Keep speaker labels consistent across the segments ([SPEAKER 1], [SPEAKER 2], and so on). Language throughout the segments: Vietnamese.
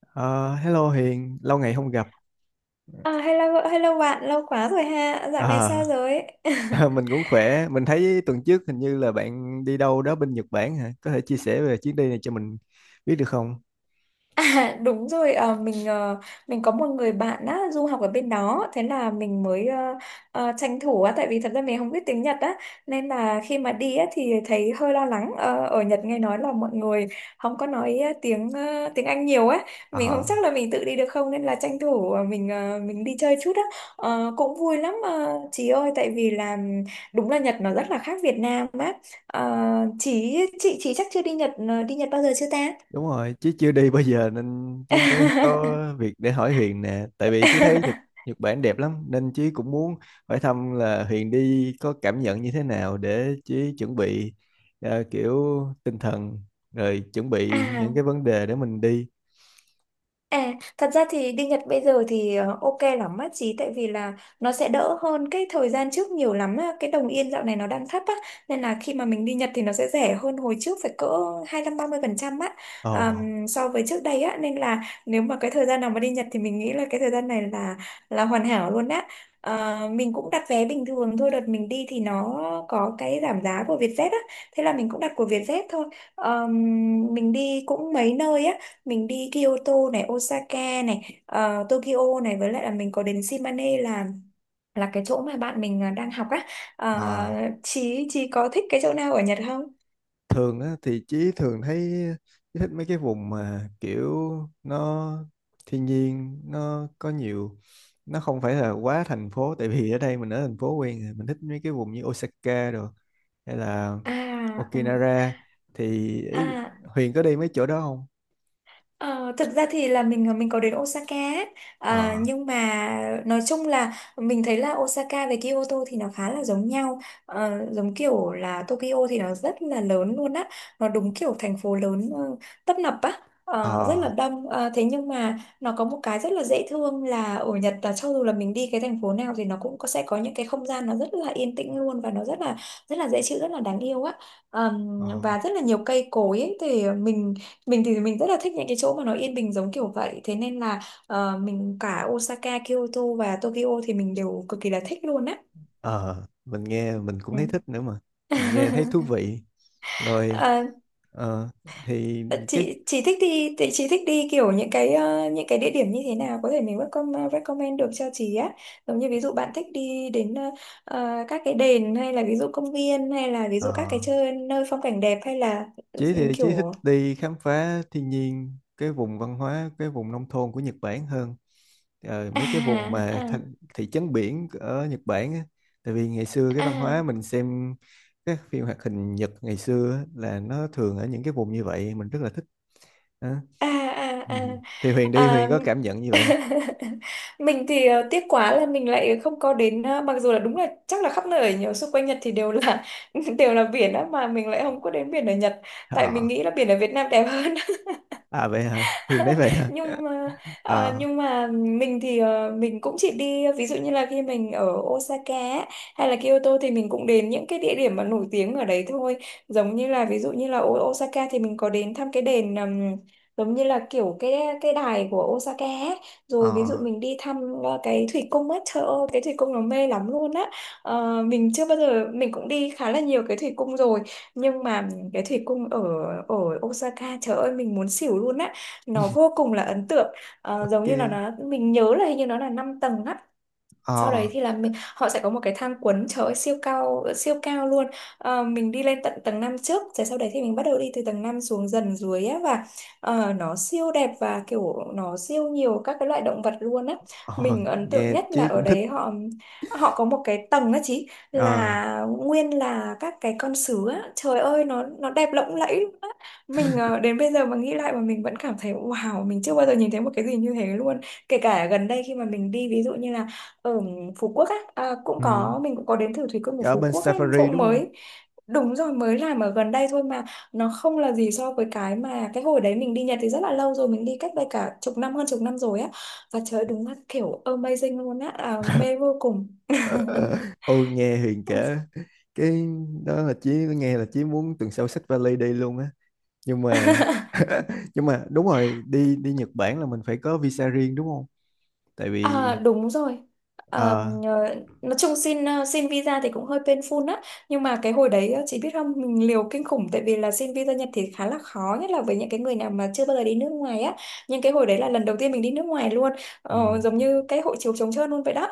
[SPEAKER 1] Ờ, Hello Hiền, lâu ngày không gặp.
[SPEAKER 2] À, hello, hello bạn, lâu quá rồi ha. Dạo này sao
[SPEAKER 1] Ờ,
[SPEAKER 2] rồi?
[SPEAKER 1] mình cũng khỏe. Mình thấy tuần trước hình như là bạn đi đâu đó bên Nhật Bản hả? Có thể chia sẻ về chuyến đi này cho mình biết được không?
[SPEAKER 2] À, đúng rồi mình có một người bạn á, du học ở bên đó. Thế là mình mới tranh thủ á, tại vì thật ra mình không biết tiếng Nhật á, nên là khi mà đi á thì thấy hơi lo lắng. Ờ, ở Nhật nghe nói là mọi người không có nói tiếng Anh nhiều á. Mình không
[SPEAKER 1] Ờ,
[SPEAKER 2] chắc là mình tự đi được không, nên là tranh thủ mình đi chơi chút á. Ờ, cũng vui lắm, chị ơi, tại vì là đúng là Nhật nó rất là khác Việt Nam á. Ờ, chị chắc chưa đi đi Nhật bao giờ chưa ta?
[SPEAKER 1] Đúng rồi, chứ chưa đi bao giờ nên chứ mới có việc để hỏi Huyền nè. Tại vì chứ thấy Nhật Nhật Bản đẹp lắm nên chứ cũng muốn hỏi thăm là Huyền đi có cảm nhận như thế nào, để chứ chuẩn bị, kiểu tinh thần, rồi chuẩn bị những cái
[SPEAKER 2] à.
[SPEAKER 1] vấn đề để mình đi.
[SPEAKER 2] À, thật ra thì đi Nhật bây giờ thì ok lắm á chị, tại vì là nó sẽ đỡ hơn cái thời gian trước nhiều lắm á. Cái đồng yên dạo này nó đang thấp á, nên là khi mà mình đi Nhật thì nó sẽ rẻ hơn hồi trước phải cỡ 25-30% á.
[SPEAKER 1] Ồ,
[SPEAKER 2] So với trước đây á, nên là nếu mà cái thời gian nào mà đi Nhật thì mình nghĩ là cái thời gian này là hoàn hảo luôn á. Ờ, mình cũng đặt vé bình thường thôi, đợt mình đi thì nó có cái giảm giá của Vietjet á, thế là mình cũng đặt của Vietjet thôi. Ờm, mình đi cũng mấy nơi á, mình đi Kyoto này, Osaka này, Tokyo này, với lại là mình có đến Shimane là cái chỗ mà bạn mình à, đang học á. Ờ,
[SPEAKER 1] ờ.
[SPEAKER 2] chị có thích cái chỗ nào ở Nhật không?
[SPEAKER 1] Thường á thì Chí thường thấy Chí thích mấy cái vùng mà kiểu nó thiên nhiên nó có nhiều, nó không phải là quá thành phố. Tại vì ở đây mình ở thành phố quen rồi, mình thích mấy cái vùng như Osaka rồi hay là
[SPEAKER 2] À à
[SPEAKER 1] Okinawa. Thì ý,
[SPEAKER 2] à.
[SPEAKER 1] Huyền có đi mấy chỗ đó không?
[SPEAKER 2] Ờ, thực ra thì là mình có đến Osaka ấy. À,
[SPEAKER 1] Ờ,
[SPEAKER 2] nhưng mà nói chung là mình thấy là Osaka với Kyoto thì nó khá là giống nhau. Ờ, giống kiểu là Tokyo thì nó rất là lớn luôn á, nó đúng kiểu thành phố lớn, tấp nập á. Ờ, rất là
[SPEAKER 1] ờ,
[SPEAKER 2] đông. Ờ, thế nhưng mà nó có một cái rất là dễ thương là ở Nhật, là cho dù là mình đi cái thành phố nào thì nó cũng có, sẽ có những cái không gian nó rất là yên tĩnh luôn, và nó rất là dễ chịu, rất là đáng yêu á.
[SPEAKER 1] ờ,
[SPEAKER 2] Và rất là nhiều cây cối ấy, thì mình thì mình rất là thích những cái chỗ mà nó yên bình giống kiểu vậy, thế nên là mình, cả Osaka, Kyoto và Tokyo thì mình đều cực kỳ là thích luôn á.
[SPEAKER 1] ờ. Mình nghe mình cũng
[SPEAKER 2] Ừ.
[SPEAKER 1] thấy thích nữa mà, mình nghe thấy thú vị rồi.
[SPEAKER 2] Ờ,
[SPEAKER 1] ờ, thì cái
[SPEAKER 2] chị thích đi thì chị thích đi kiểu những cái những cái địa điểm như thế nào có thể mình recommend được cho chị á, giống như ví dụ bạn thích đi đến các cái đền, hay là ví dụ công viên, hay là ví
[SPEAKER 1] ờ
[SPEAKER 2] dụ các cái chơi nơi phong cảnh đẹp, hay là ừ,
[SPEAKER 1] Chí thì Chí thích
[SPEAKER 2] kiểu
[SPEAKER 1] đi khám phá thiên nhiên, cái vùng văn hóa, cái vùng nông thôn của Nhật Bản hơn. Mấy cái vùng
[SPEAKER 2] à à
[SPEAKER 1] mà thành thị trấn biển ở Nhật Bản á. Tại vì ngày xưa cái văn hóa
[SPEAKER 2] à
[SPEAKER 1] mình xem các phim hoạt hình Nhật ngày xưa á, là nó thường ở những cái vùng như vậy, mình rất là thích. Đó.
[SPEAKER 2] à
[SPEAKER 1] Ừ. Thì Huyền
[SPEAKER 2] à
[SPEAKER 1] đi
[SPEAKER 2] à,
[SPEAKER 1] Huyền có cảm nhận như
[SPEAKER 2] à.
[SPEAKER 1] vậy không?
[SPEAKER 2] Mình thì tiếc quá là mình lại không có đến mặc dù là đúng là chắc là khắp nơi ở nhiều xung quanh Nhật thì đều là đều là biển á, mà mình lại không có đến biển ở Nhật, tại mình
[SPEAKER 1] Ờ,
[SPEAKER 2] nghĩ là biển ở Việt Nam đẹp hơn.
[SPEAKER 1] À vậy hả? Huyền nói vậy hả?
[SPEAKER 2] Nhưng mà, à,
[SPEAKER 1] Ờ,
[SPEAKER 2] nhưng mà mình thì mình cũng chỉ đi ví dụ như là khi mình ở Osaka á, hay là Kyoto, thì mình cũng đến những cái địa điểm mà nổi tiếng ở đấy thôi, giống như là ví dụ như là ở Osaka thì mình có đến thăm cái đền, giống như là kiểu cái đài của Osaka á.
[SPEAKER 1] ờ,
[SPEAKER 2] Rồi ví dụ mình đi thăm cái thủy cung á, trời ơi, cái thủy cung nó mê lắm luôn á. Ờ, mình chưa bao giờ, mình cũng đi khá là nhiều cái thủy cung rồi, nhưng mà cái thủy cung ở ở Osaka, trời ơi, mình muốn xỉu luôn á, nó vô cùng là ấn tượng. Ờ, giống
[SPEAKER 1] ok,
[SPEAKER 2] như là nó, mình nhớ là hình như nó là 5 tầng á, sau đấy
[SPEAKER 1] ờ,
[SPEAKER 2] thì là mình, họ sẽ có một cái thang cuốn, trời ơi, siêu cao luôn. Ờ, mình đi lên tận tầng 5 trước, rồi sau đấy thì mình bắt đầu đi từ tầng 5 xuống dần dưới á, và nó siêu đẹp, và kiểu nó siêu nhiều các cái loại động vật luôn á.
[SPEAKER 1] ờ,
[SPEAKER 2] Mình ấn tượng
[SPEAKER 1] nghe
[SPEAKER 2] nhất là
[SPEAKER 1] Chí
[SPEAKER 2] ở
[SPEAKER 1] cũng thích.
[SPEAKER 2] đấy họ họ có một cái tầng á chị,
[SPEAKER 1] Ờ,
[SPEAKER 2] là nguyên là các cái con sứa á, trời ơi, nó đẹp lộng lẫy luôn á. Mình đến bây giờ mà nghĩ lại mà mình vẫn cảm thấy wow, mình chưa bao giờ nhìn thấy một cái gì như thế luôn, kể cả gần đây khi mà mình đi ví dụ như là ở Phú Quốc á, à, cũng
[SPEAKER 1] ừ.
[SPEAKER 2] có, mình cũng có đến thử thủy cung của
[SPEAKER 1] Ở
[SPEAKER 2] Phú
[SPEAKER 1] bên
[SPEAKER 2] Quốc á,
[SPEAKER 1] Safari
[SPEAKER 2] cũng
[SPEAKER 1] đúng không?
[SPEAKER 2] mới, đúng rồi, mới làm ở gần đây thôi mà, nó không là gì so với cái mà cái hồi đấy mình đi Nhật thì rất là lâu rồi, mình đi cách đây cả chục năm, hơn chục năm rồi á. Và trời ơi, đúng là kiểu amazing luôn á, à, mê vô cùng.
[SPEAKER 1] Ờ, ờ. Ôi nghe Huyền kể cái đó là Chí nghe là Chí muốn tuần sau xách vali đi luôn á, nhưng mà nhưng mà đúng rồi, đi đi Nhật Bản là mình phải có visa riêng đúng không? Tại
[SPEAKER 2] À,
[SPEAKER 1] vì
[SPEAKER 2] đúng rồi. À,
[SPEAKER 1] ờ,
[SPEAKER 2] ờ, nói chung xin xin visa thì cũng hơi painful á, nhưng mà cái hồi đấy chị biết không, mình liều kinh khủng, tại vì là xin visa Nhật thì khá là khó, nhất là với những cái người nào mà chưa bao giờ đi nước ngoài á, nhưng cái hồi đấy là lần đầu tiên mình đi nước ngoài luôn.
[SPEAKER 1] ừ,
[SPEAKER 2] Ờ, giống như cái hộ chiếu trống trơn luôn vậy đó.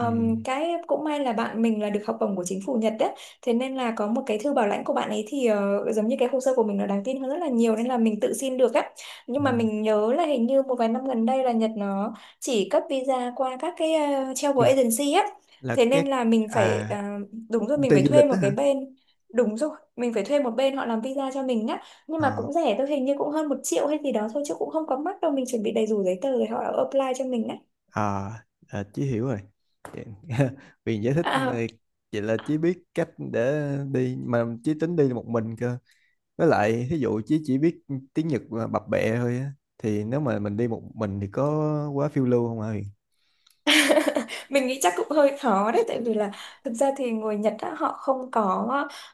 [SPEAKER 1] ừ,
[SPEAKER 2] Cái cũng may là bạn mình là được học bổng của chính phủ Nhật đấy, thế nên là có một cái thư bảo lãnh của bạn ấy, thì giống như cái hồ sơ của mình nó đáng tin hơn rất là nhiều, nên là mình tự xin được á. Nhưng
[SPEAKER 1] ừ,
[SPEAKER 2] mà mình nhớ là hình như một vài năm gần đây là Nhật nó chỉ cấp visa qua các cái travel
[SPEAKER 1] chừng-
[SPEAKER 2] agency á,
[SPEAKER 1] là
[SPEAKER 2] thế nên
[SPEAKER 1] các
[SPEAKER 2] là
[SPEAKER 1] à
[SPEAKER 2] đúng rồi,
[SPEAKER 1] công
[SPEAKER 2] mình
[SPEAKER 1] ty
[SPEAKER 2] phải
[SPEAKER 1] du
[SPEAKER 2] thuê
[SPEAKER 1] lịch
[SPEAKER 2] một
[SPEAKER 1] đó
[SPEAKER 2] cái
[SPEAKER 1] hả?
[SPEAKER 2] bên đúng rồi mình phải thuê một bên họ làm visa cho mình á, nhưng mà
[SPEAKER 1] ờ
[SPEAKER 2] cũng rẻ thôi, hình như cũng hơn 1 triệu hay gì đó thôi, chứ cũng không có mắc đâu. Mình chuẩn bị đầy đủ giấy tờ rồi họ apply cho mình á.
[SPEAKER 1] À, à, Chí hiểu rồi. Vậy- Huyền giải thích,
[SPEAKER 2] À,
[SPEAKER 1] vậy là Chí biết cách để đi. Mà Chí tính đi một mình cơ, với lại thí dụ chỉ biết tiếng Nhật mà bập bẹ thôi á, thì nếu mà mình đi một mình thì có quá phiêu lưu không hả Huyền?
[SPEAKER 2] mình nghĩ chắc cũng hơi khó đấy, tại vì là thực ra thì người Nhật á,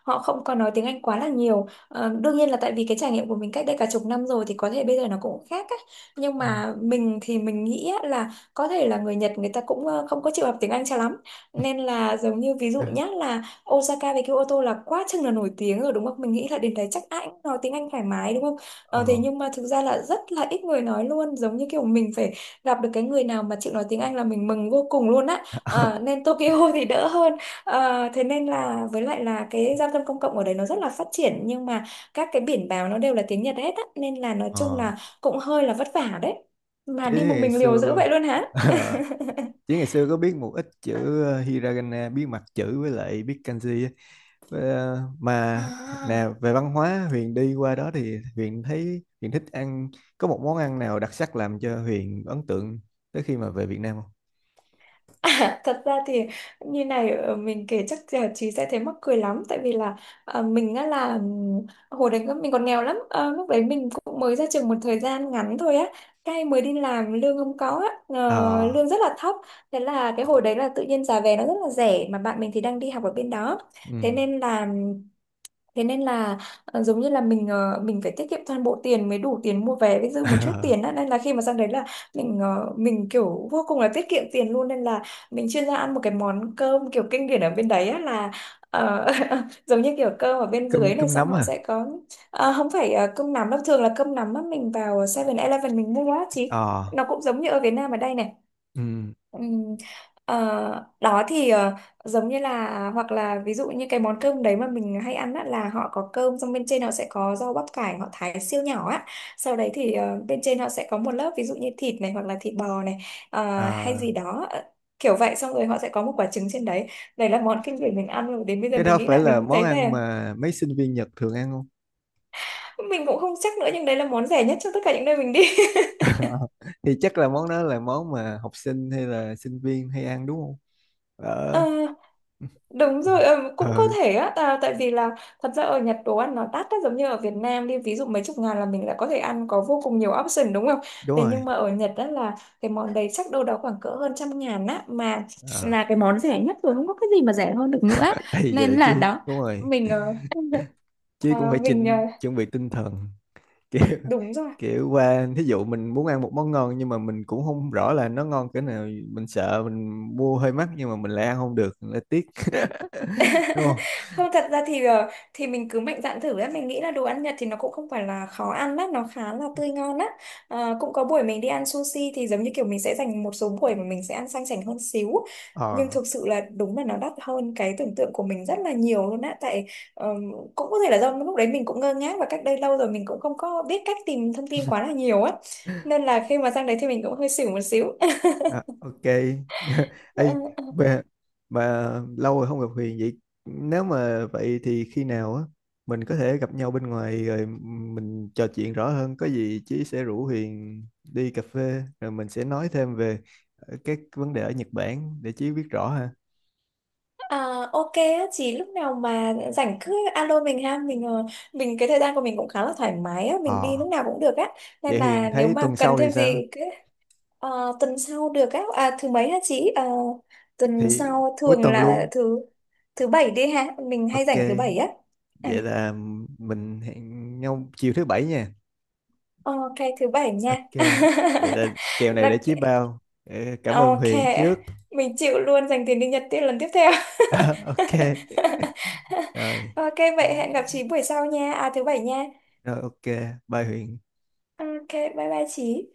[SPEAKER 2] họ không có nói tiếng Anh quá là nhiều. Ờ, đương nhiên là tại vì cái trải nghiệm của mình cách đây cả chục năm rồi, thì có thể bây giờ nó cũng khác á, nhưng
[SPEAKER 1] Ừ.
[SPEAKER 2] mà mình thì mình nghĩ á, là có thể là người Nhật người ta cũng không có chịu học tiếng Anh cho lắm, nên là giống như ví dụ
[SPEAKER 1] Dạ.
[SPEAKER 2] nhá, là Osaka với Kyoto là quá chừng là nổi tiếng rồi, đúng không? Mình nghĩ là đến đấy chắc ai cũng nói tiếng Anh thoải mái, đúng không? Ờ, thế
[SPEAKER 1] ờ
[SPEAKER 2] nhưng mà thực ra là rất là ít người nói luôn, giống như kiểu mình phải gặp được cái người nào mà chịu nói tiếng Anh là mình mừng vô cùng luôn á. Ờ, nên Tokyo thì đỡ hơn. Ờ, thế nên là với lại là cái giao thông công cộng ở đấy nó rất là phát triển, nhưng mà các cái biển báo nó đều là tiếng Nhật hết á, nên là nói chung
[SPEAKER 1] ờ
[SPEAKER 2] là cũng hơi là vất vả đấy, mà
[SPEAKER 1] chứ
[SPEAKER 2] đi một
[SPEAKER 1] ngày
[SPEAKER 2] mình liều dữ
[SPEAKER 1] xưa
[SPEAKER 2] vậy luôn hả?
[SPEAKER 1] chứ ngày xưa có biết một ít chữ, hiragana biết mặt chữ với lại biết kanji á. Với, mà nè,
[SPEAKER 2] À.
[SPEAKER 1] về văn hóa Huyền đi qua đó thì Huyền thấy Huyền thích ăn, có một món ăn nào đặc sắc làm cho Huyền ấn tượng tới khi mà về Việt Nam không?
[SPEAKER 2] À, thật ra thì như này, mình kể chắc là chị sẽ thấy mắc cười lắm, tại vì là ờ, mình á là hồi đấy mình còn nghèo lắm. Ờ, lúc đấy mình cũng mới ra trường một thời gian ngắn thôi á, cái mới đi làm lương không có á,
[SPEAKER 1] Ờ.
[SPEAKER 2] lương rất là thấp. Thế là cái hồi đấy là tự nhiên giá vé nó rất là rẻ, mà bạn mình thì đang đi học ở bên đó, thế
[SPEAKER 1] Ừ.
[SPEAKER 2] nên là Thế nên là ờ, giống như là mình phải tiết kiệm toàn bộ tiền mới đủ tiền mua vé với dư một chút tiền á. Nên là khi mà sang đấy là mình kiểu vô cùng là tiết kiệm tiền luôn, nên là mình chuyên ra ăn một cái món cơm kiểu kinh điển ở bên đấy á là ờ, giống như kiểu cơm ở bên dưới
[SPEAKER 1] cơm
[SPEAKER 2] này,
[SPEAKER 1] cơm
[SPEAKER 2] xong
[SPEAKER 1] nấm
[SPEAKER 2] họ
[SPEAKER 1] à?
[SPEAKER 2] sẽ có, ờ, không phải ờ, cơm nắm đâu, thường là cơm nắm á, mình vào 7-Eleven mình mua á chị,
[SPEAKER 1] Ờ.
[SPEAKER 2] nó cũng giống như ở Việt Nam ở đây này.
[SPEAKER 1] Ừ.
[SPEAKER 2] Ừm, ờ, đó thì ờ, Giống như là, hoặc là ví dụ như cái món cơm đấy mà mình hay ăn á, là họ có cơm, xong bên trên họ sẽ có rau bắp cải họ thái siêu nhỏ á, sau đấy thì bên trên họ sẽ có một lớp ví dụ như thịt này, hoặc là thịt bò này, ờ, hay
[SPEAKER 1] À,
[SPEAKER 2] gì đó ờ, kiểu vậy, xong rồi họ sẽ có một quả trứng trên đấy. Đấy là món kinh điển mình ăn, rồi đến bây giờ
[SPEAKER 1] cái
[SPEAKER 2] mình
[SPEAKER 1] đó
[SPEAKER 2] nghĩ
[SPEAKER 1] phải
[SPEAKER 2] lại mình
[SPEAKER 1] là
[SPEAKER 2] cũng
[SPEAKER 1] món
[SPEAKER 2] thấy
[SPEAKER 1] ăn
[SPEAKER 2] thèm.
[SPEAKER 1] mà mấy sinh viên Nhật thường ăn không?
[SPEAKER 2] Mình cũng không chắc nữa, nhưng đấy là món rẻ nhất trong tất cả những nơi mình đi.
[SPEAKER 1] Thì chắc là món đó là món mà học sinh hay là sinh viên hay ăn đúng không?
[SPEAKER 2] Ờ,
[SPEAKER 1] ờ
[SPEAKER 2] đúng rồi, cũng có
[SPEAKER 1] ừ.
[SPEAKER 2] thể á, à, tại vì là thật ra ở Nhật đồ ăn nó đắt á, giống như ở Việt Nam đi, ví dụ mấy chục ngàn là mình đã có thể ăn, có vô cùng nhiều option đúng không?
[SPEAKER 1] Đúng
[SPEAKER 2] Thế
[SPEAKER 1] rồi.
[SPEAKER 2] nhưng mà ở Nhật đó là cái món đấy chắc đâu đó khoảng cỡ hơn trăm ngàn á, mà
[SPEAKER 1] ờ
[SPEAKER 2] là cái món rẻ nhất rồi, không có cái gì mà rẻ hơn được nữa.
[SPEAKER 1] thì
[SPEAKER 2] Nên
[SPEAKER 1] vậy
[SPEAKER 2] là
[SPEAKER 1] chứ,
[SPEAKER 2] đó,
[SPEAKER 1] đúng rồi,
[SPEAKER 2] mình, ờ,
[SPEAKER 1] chứ
[SPEAKER 2] ờ,
[SPEAKER 1] cũng phải
[SPEAKER 2] mình, ờ,
[SPEAKER 1] chỉnh chuẩn bị tinh thần. kiểu
[SPEAKER 2] đúng rồi.
[SPEAKER 1] kiểu qua thí dụ mình muốn ăn một món ngon nhưng mà mình cũng không rõ là nó ngon cỡ nào, mình sợ mình mua hơi mắc nhưng mà mình lại ăn không được lại tiếc, đúng không?
[SPEAKER 2] Không, thật ra thì mình cứ mạnh dạn thử ấy, mình nghĩ là đồ ăn Nhật thì nó cũng không phải là khó ăn lắm, nó khá là tươi ngon á. Ờ, cũng có buổi mình đi ăn sushi thì giống như kiểu mình sẽ dành một số buổi mà mình sẽ ăn sang chảnh hơn xíu, nhưng
[SPEAKER 1] ờ
[SPEAKER 2] thực sự là đúng là nó đắt hơn cái tưởng tượng của mình rất là nhiều luôn á, tại ờ, cũng có thể là do lúc đấy mình cũng ngơ ngác, và cách đây lâu rồi mình cũng không có biết cách tìm thông tin quá là nhiều á, nên là khi mà sang đấy thì mình cũng hơi xỉu một xíu.
[SPEAKER 1] À, ok. Ê, bà, bà, lâu rồi không gặp Huyền vậy. Nếu mà vậy thì khi nào á mình có thể gặp nhau bên ngoài rồi mình trò chuyện rõ hơn. Có gì Chí sẽ rủ Huyền đi cà phê rồi mình sẽ nói thêm về, các vấn đề ở Nhật Bản để Chí biết rõ ha.
[SPEAKER 2] À, ok á, chỉ lúc nào mà rảnh cứ alo mình ha. Mình, cái thời gian của mình cũng khá là thoải mái á, mình đi
[SPEAKER 1] Ờ,
[SPEAKER 2] lúc nào cũng được á, nên
[SPEAKER 1] Vậy Huyền
[SPEAKER 2] là nếu
[SPEAKER 1] thấy
[SPEAKER 2] mà
[SPEAKER 1] tuần
[SPEAKER 2] cần
[SPEAKER 1] sau thì
[SPEAKER 2] thêm
[SPEAKER 1] sao?
[SPEAKER 2] gì cứ. Tuần sau được á, à, thứ mấy hả chị? Ờ, tuần
[SPEAKER 1] Thì
[SPEAKER 2] sau
[SPEAKER 1] cuối
[SPEAKER 2] thường
[SPEAKER 1] tuần
[SPEAKER 2] là
[SPEAKER 1] luôn.
[SPEAKER 2] thứ thứ bảy đi ha, mình hay
[SPEAKER 1] Ok.
[SPEAKER 2] rảnh thứ bảy á. À,
[SPEAKER 1] Vậy là mình hẹn nhau chiều thứ bảy nha.
[SPEAKER 2] ok, thứ bảy nha.
[SPEAKER 1] Ok, vậy là kèo này để
[SPEAKER 2] Là-
[SPEAKER 1] Chí bao. Ờ, Cảm ơn
[SPEAKER 2] ok,
[SPEAKER 1] Huyền trước.
[SPEAKER 2] mình chịu luôn, dành tiền đi Nhật tiếp lần tiếp theo.
[SPEAKER 1] Ok. Rồi,
[SPEAKER 2] Ok, vậy hẹn gặp chị buổi sau nha, à thứ bảy nha.
[SPEAKER 1] rồi. Ok, bye Huyền.
[SPEAKER 2] Ok, bye bye chị.